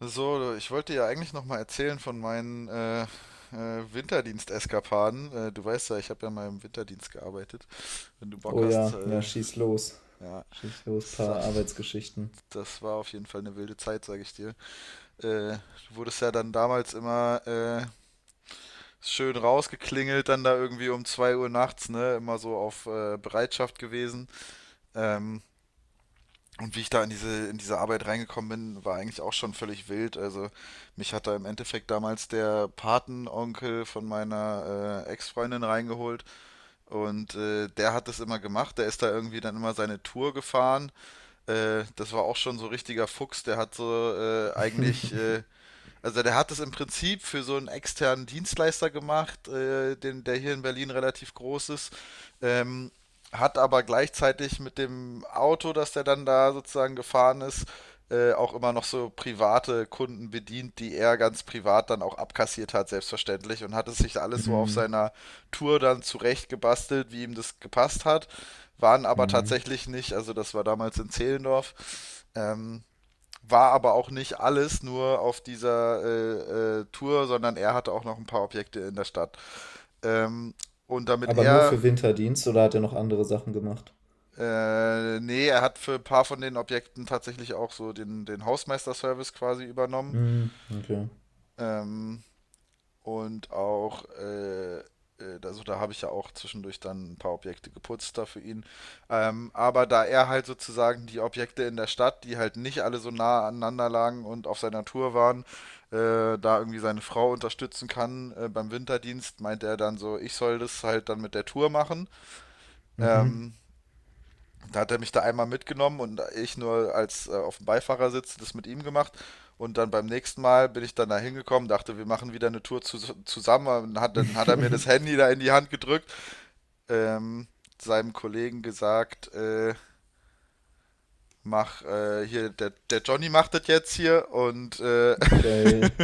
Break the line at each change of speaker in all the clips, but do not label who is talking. So, ich wollte ja eigentlich noch mal erzählen von meinen Winterdienst-Eskapaden. Du weißt ja, ich habe ja mal im Winterdienst gearbeitet. Wenn du Bock
Oh
hast,
ja, ja, schieß los.
ja,
Schieß los, paar
das,
Arbeitsgeschichten.
das war auf jeden Fall eine wilde Zeit, sage ich dir. Du wurdest ja dann damals immer schön rausgeklingelt, dann da irgendwie um 2 Uhr nachts, ne? Immer so auf Bereitschaft gewesen. Ähm, Und wie ich da in diese Arbeit reingekommen bin, war eigentlich auch schon völlig wild. Also mich hat da im Endeffekt damals der Patenonkel von meiner Ex-Freundin reingeholt und der hat das immer gemacht. Der ist da irgendwie dann immer seine Tour gefahren. Das war auch schon so richtiger Fuchs. Der hat so eigentlich also der hat es im Prinzip für so einen externen Dienstleister gemacht, den, der hier in Berlin relativ groß ist, ähm, hat aber gleichzeitig mit dem Auto, das der dann da sozusagen gefahren ist, auch immer noch so private Kunden bedient, die er ganz privat dann auch abkassiert hat, selbstverständlich, und hat es sich alles so auf
Hm,
seiner Tour dann zurechtgebastelt, wie ihm das gepasst hat, waren aber
hm.
tatsächlich nicht, also das war damals in Zehlendorf, ähm, war aber auch nicht alles nur auf dieser Tour, sondern er hatte auch noch ein paar Objekte in der Stadt. Ähm, und damit
Aber nur
er,
für Winterdienst oder hat er noch andere Sachen gemacht?
Nee, er hat für ein paar von den Objekten tatsächlich auch so den Hausmeister-Service quasi übernommen.
Hm, okay.
Ähm, Und auch, äh, äh, also da habe ich ja auch zwischendurch dann ein paar Objekte geputzt da für ihn. Aber da er halt sozusagen die Objekte in der Stadt, die halt nicht alle so nah aneinander lagen und auf seiner Tour waren, da irgendwie seine Frau unterstützen kann beim Winterdienst, meint er dann so, ich soll das halt dann mit der Tour machen.
Mhm.
Ähm, Da hat er mich da einmal mitgenommen und ich nur als auf dem Beifahrersitz das mit ihm gemacht. Und dann beim nächsten Mal bin ich dann da hingekommen, dachte, wir machen wieder eine Tour zusammen. Und dann hat er mir das Handy da in die Hand gedrückt, ähm, seinem Kollegen gesagt, mach hier, der Johnny macht das jetzt hier und
Geil.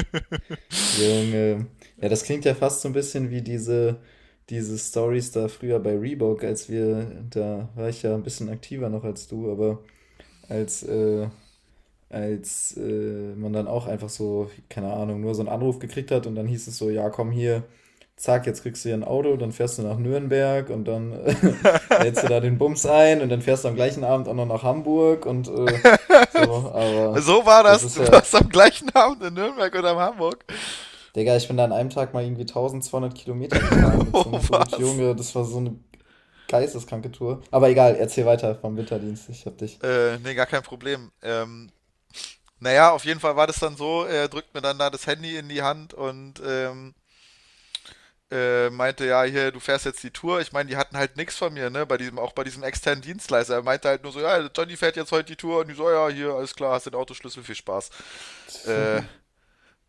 Junge. Ja, das klingt ja fast so ein bisschen wie diese Stories da früher bei Reebok, als wir, da war ich ja ein bisschen aktiver noch als du, aber als äh, als man dann auch einfach so, keine Ahnung, nur so einen Anruf gekriegt hat und dann hieß es so, ja, komm hier, zack, jetzt kriegst du hier ein Auto, dann fährst du nach Nürnberg und dann lädst du da den Bums ein und dann fährst du am gleichen Abend auch noch nach Hamburg und so, aber
so war
das
das.
ist
Du
ja,
warst am gleichen Abend in Nürnberg oder in Hamburg.
Digga, ich bin da an einem Tag mal irgendwie 1200 Kilometer gefahren mit so
oh,
einem Dude,
was?
Junge, das war so eine geisteskranke Tour. Aber egal, erzähl weiter vom Winterdienst, ich hab dich.
Nee, gar kein Problem. Naja, auf jeden Fall war das dann so, er drückt mir dann da das Handy in die Hand und meinte, ja, hier, du fährst jetzt die Tour. Ich meine, die hatten halt nichts von mir, ne? Bei diesem, auch bei diesem externen Dienstleister. Er meinte halt nur so, ja, Johnny fährt jetzt heute die Tour und die so, ja, hier, alles klar, hast den Autoschlüssel, viel Spaß. Äh,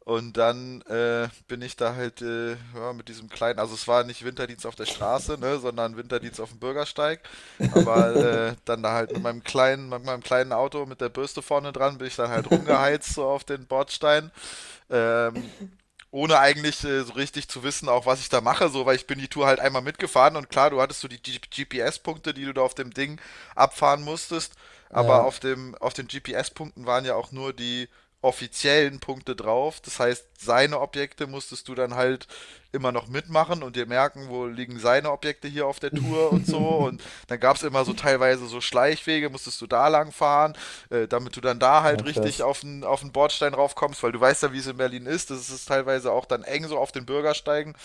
und dann Bin ich da halt ja, mit diesem kleinen, also es war nicht Winterdienst auf der Straße, ne, sondern Winterdienst auf dem Bürgersteig. Aber dann da halt mit meinem kleinen Auto mit der Bürste vorne dran, bin ich dann halt rumgeheizt so auf den Bordstein. Ähm, Ohne eigentlich so richtig zu wissen, auch was ich da mache, so, weil ich bin die Tour halt einmal mitgefahren und klar, du hattest so die GPS-Punkte, die du da auf dem Ding abfahren musstest, aber
Ja.
auf den GPS-Punkten waren ja auch nur die offiziellen Punkte drauf. Das heißt, seine Objekte musstest du dann halt immer noch mitmachen und dir merken, wo liegen seine Objekte hier auf der Tour und so. Und dann gab es immer so teilweise so Schleichwege, musstest du da lang fahren, damit du dann da
Ja,
halt richtig
krass.
auf den Bordstein raufkommst, weil du weißt ja, wie es in Berlin ist. Das ist teilweise auch dann eng so auf den Bürgersteigen.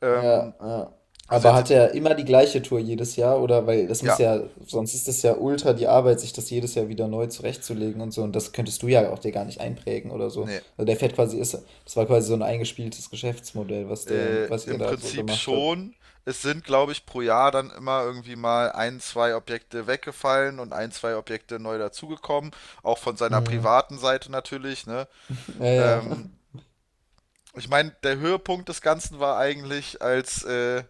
Ähm,
Ja, ja.
also
Aber
jetzt,
hat er immer die gleiche Tour jedes Jahr? Oder weil das
ja,
muss ja, sonst ist das ja ultra die Arbeit, sich das jedes Jahr wieder neu zurechtzulegen und so. Und das könntest du ja auch dir gar nicht einprägen oder so.
nee.
Also der fährt quasi, ist, das war quasi so ein eingespieltes Geschäftsmodell, was der, was ihr
Im
da so
Prinzip
gemacht habt.
schon. Es sind, glaube ich, pro Jahr dann immer irgendwie mal ein, zwei Objekte weggefallen und ein, zwei Objekte neu dazugekommen. Auch von seiner
Hm.
privaten Seite natürlich, ne?
Ja, ja.
Ähm, Ich meine, der Höhepunkt des Ganzen war eigentlich, als äh,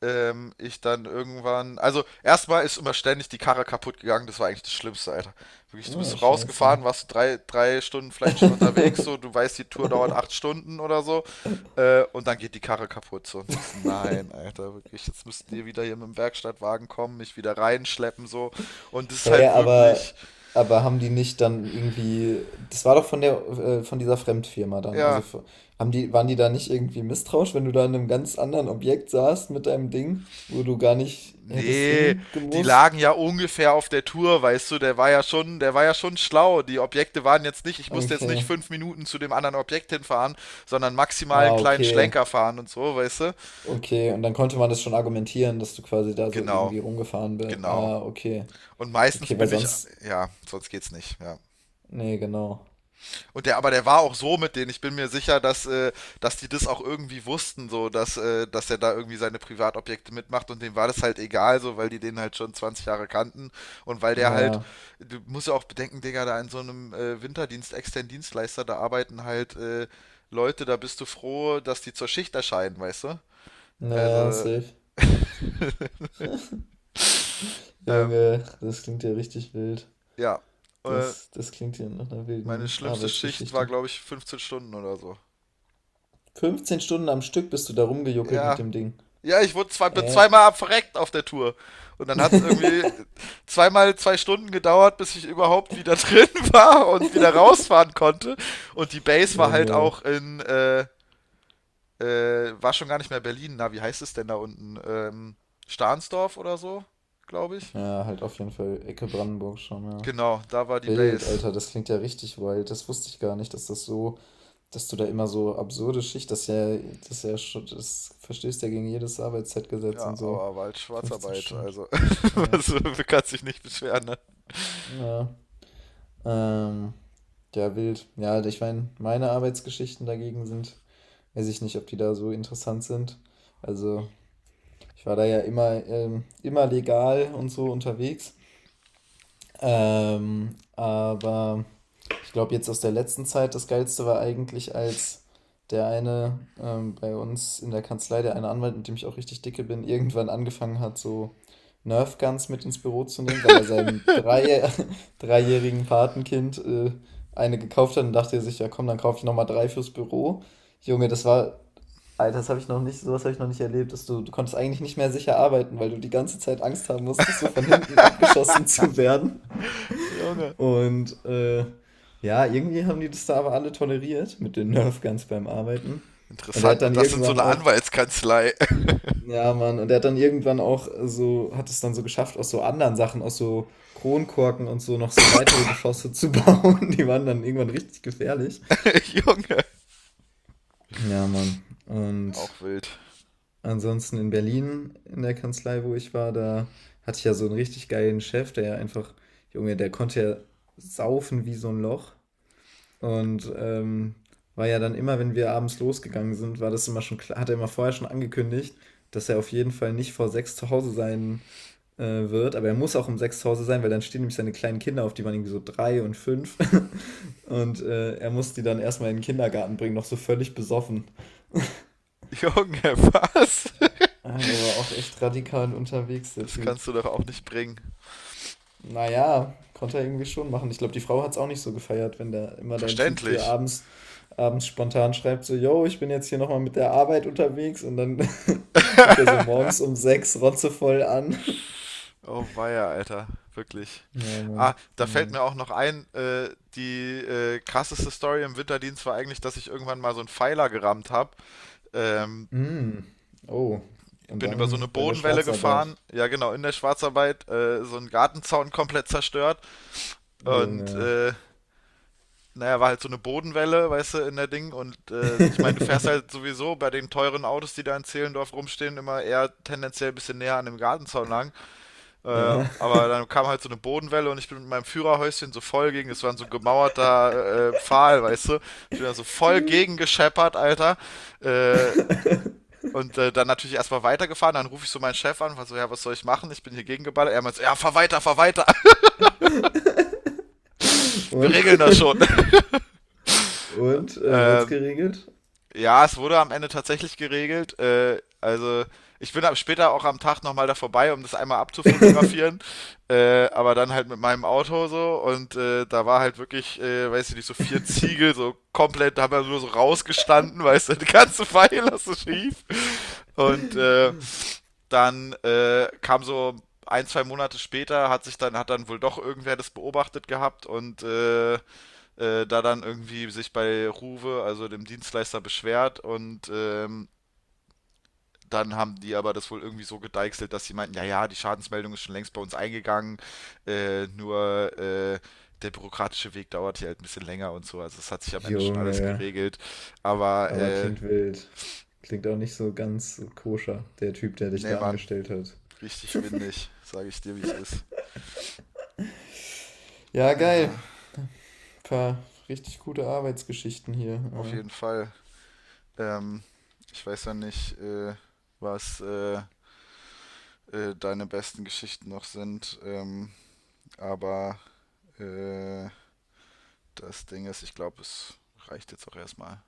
ähm, ich dann irgendwann. Also, erstmal ist immer ständig die Karre kaputt gegangen. Das war eigentlich das Schlimmste, Alter. Wirklich, du bist
Oh,
so
scheiße.
rausgefahren, warst so drei Stunden vielleicht schon unterwegs. So, du weißt, die Tour dauert 8 Stunden oder so. Und dann geht die Karre kaputt. So, und denkst, nein, Alter, wirklich, jetzt müssten die wieder hier mit dem Werkstattwagen kommen, mich wieder reinschleppen. So, und das ist
Hä,
halt wirklich,
aber haben die nicht dann irgendwie, das war doch von der, von dieser Fremdfirma dann, also
ja,
f- haben die, waren die da nicht irgendwie misstrauisch, wenn du da in einem ganz anderen Objekt saßt mit deinem Ding, wo du gar nicht hättest
nee, die
hingemusst?
lagen ja ungefähr auf der Tour, weißt du, der war ja schon schlau. Die Objekte waren jetzt nicht, ich musste jetzt nicht
Okay.
5 Minuten zu dem anderen Objekt hinfahren, sondern maximal einen
Ah,
kleinen
okay.
Schlenker fahren und so, weißt du?
Okay, und dann konnte man das schon argumentieren, dass du quasi da so
Genau,
irgendwie rumgefahren bist.
genau.
Ah, okay.
Und meistens
Okay, weil
bin ich,
sonst,
ja, sonst geht's nicht, ja.
nee, genau.
Und der, aber der war auch so mit denen. Ich bin mir sicher, dass die das auch irgendwie wussten, so, dass er da irgendwie seine Privatobjekte mitmacht und dem war das halt egal, so, weil die den halt schon 20 Jahre kannten und weil der halt,
Ja,
du musst ja auch bedenken, Digga, da in so einem Winterdienst, externen Dienstleister, da arbeiten halt Leute, da bist du froh, dass die zur Schicht erscheinen, weißt du?
naja,
Also,
safe.
ähm,
Junge, das klingt ja richtig wild.
ja, äh,
Das klingt ja nach einer
meine
wilden
schlimmste Schicht war,
Arbeitsgeschichte.
glaube ich, 15 Stunden oder so.
15 Stunden am Stück bist du da rumgejuckelt mit
Ja,
dem Ding.
Ja, ich wurde zwei, bin
Äh.
zweimal verreckt auf der Tour. Und dann hat es irgendwie zweimal 2 Stunden gedauert, bis ich überhaupt wieder drin war und wieder rausfahren konnte. Und die Base war halt
Junge.
auch in, war schon gar nicht mehr Berlin. Na, wie heißt es denn da unten? Stahnsdorf oder so, glaube ich.
Ja, halt auf jeden Fall Ecke Brandenburg schon, ja.
Genau, da war die
Wild,
Base.
Alter, das klingt ja richtig wild. Das wusste ich gar nicht, dass das so, dass du da immer so absurde Schicht, das ist ja schon, das verstößt ja gegen jedes Arbeitszeitgesetz
Ja,
und so.
aber war halt
15
Schwarzarbeit,
Stunden.
also
Ja.
also, man kann sich nicht beschweren, ne?
Ja. Ähm, ja, wild. Ja, ich meine, meine Arbeitsgeschichten dagegen sind, weiß ich nicht, ob die da so interessant sind. Also, ich war da ja immer, immer legal und so unterwegs. Aber ich glaube, jetzt aus der letzten Zeit, das Geilste war eigentlich, als der eine bei uns in der Kanzlei, der eine Anwalt, mit dem ich auch richtig dicke bin, irgendwann angefangen hat, so Nerf Guns mit ins Büro zu nehmen, weil er seinem drei, dreijährigen Patenkind eine gekauft hat und dachte er sich, ja komm, dann kaufe ich nochmal drei fürs Büro. Junge, das war, Alter, das habe ich noch nicht, sowas habe ich noch nicht erlebt, dass du konntest eigentlich nicht mehr sicher arbeiten, weil du die ganze Zeit Angst haben musstest, so von hinten abgeschossen zu werden.
Junge.
Und ja, irgendwie haben die das da aber alle toleriert mit den Nerf Guns beim Arbeiten. Und er hat
Interessant, und
dann
das in so
irgendwann
einer
auch,
Anwaltskanzlei.
ja Mann, und er hat dann irgendwann auch so, hat es dann so geschafft, aus so anderen Sachen, aus so Kronkorken und so noch so weitere Geschosse zu bauen. Die waren dann irgendwann richtig gefährlich.
Junge.
Ja, Mann. Und
Auch wild.
ansonsten in Berlin in der Kanzlei, wo ich war, da hatte ich ja so einen richtig geilen Chef, der ja einfach, Junge, der konnte ja saufen wie so ein Loch und, war ja dann immer, wenn wir abends losgegangen sind, war das immer schon klar, hat er immer vorher schon angekündigt, dass er auf jeden Fall nicht vor 6 zu Hause sein, wird. Aber er muss auch um 6 zu Hause sein, weil dann stehen nämlich seine kleinen Kinder auf, die waren irgendwie so 3 und 5 und, er muss die dann erst mal in den Kindergarten bringen, noch so völlig besoffen.
Junge, was?
Ah, der war auch echt radikal unterwegs, der
Das
Typ.
kannst du doch auch nicht bringen.
Naja, konnte er irgendwie schon machen. Ich glaube, die Frau hat es auch nicht so gefeiert, wenn da immer dein Typ dir
Verständlich.
abends spontan schreibt, so, yo, ich bin jetzt hier nochmal mit der Arbeit unterwegs und dann kommt er so morgens um 6 rotzevoll an.
oh weia, Alter. Wirklich.
Ja,
Ah,
Mann. Ja,
da fällt mir
Mann.
auch noch ein, die krasseste Story im Winterdienst war eigentlich, dass ich irgendwann mal so einen Pfeiler gerammt habe. Ähm,
Mm. Oh, und
Bin über so eine
dann bei der
Bodenwelle gefahren,
Schwarzarbeit.
ja genau, in der Schwarzarbeit, so einen Gartenzaun komplett zerstört und
Junge.
naja, war halt so eine Bodenwelle, weißt du, in der Ding. Und ich meine, du fährst halt sowieso bei den teuren Autos, die da in Zehlendorf rumstehen, immer eher tendenziell ein bisschen näher an dem Gartenzaun lang.
Ja.
Aber dann kam halt so eine Bodenwelle und ich bin mit meinem Führerhäuschen so voll gegen, das war ein so gemauerter Pfahl, weißt du. Ich bin da so voll
Und,
gegen gescheppert, Alter. Äh, Dann natürlich erstmal weitergefahren, dann rufe ich so meinen Chef an, war so, ja, was soll ich machen? Ich bin hier gegengeballert. Er meint so, ja, fahr weiter, wir regeln das schon.
und wird's
ähm,
geregelt?
Ja, es wurde am Ende tatsächlich geregelt. Also ich bin ab später auch am Tag nochmal da vorbei, um das einmal abzufotografieren. Aber dann halt mit meinem Auto so und da war halt wirklich, weiß ich nicht, so 4 Ziegel so komplett, da haben wir nur so rausgestanden, weißt du, die ganze Pfeile so schief. Und dann Kam so 1, 2 Monate später, hat sich dann, hat dann wohl doch irgendwer das beobachtet gehabt und da dann irgendwie sich bei Ruwe, also dem Dienstleister, beschwert und dann haben die aber das wohl irgendwie so gedeichselt, dass sie meinten, ja, ja, die Schadensmeldung ist schon längst bei uns eingegangen, nur der bürokratische Weg dauert hier halt ein bisschen länger und so. Also es hat sich am Ende schon alles
Junge.
geregelt. Aber
Aber klingt wild. Klingt auch nicht so ganz koscher, der Typ, der dich
nee,
da
Mann,
angestellt hat.
richtig windig, sage ich dir, wie es ist.
Ja, geil.
Ja,
Paar richtig gute Arbeitsgeschichten
auf
hier.
jeden Fall. Ähm, Ich weiß ja nicht, was deine besten Geschichten noch sind. Aber äh, Das Ding ist, ich glaube, es reicht jetzt auch erstmal.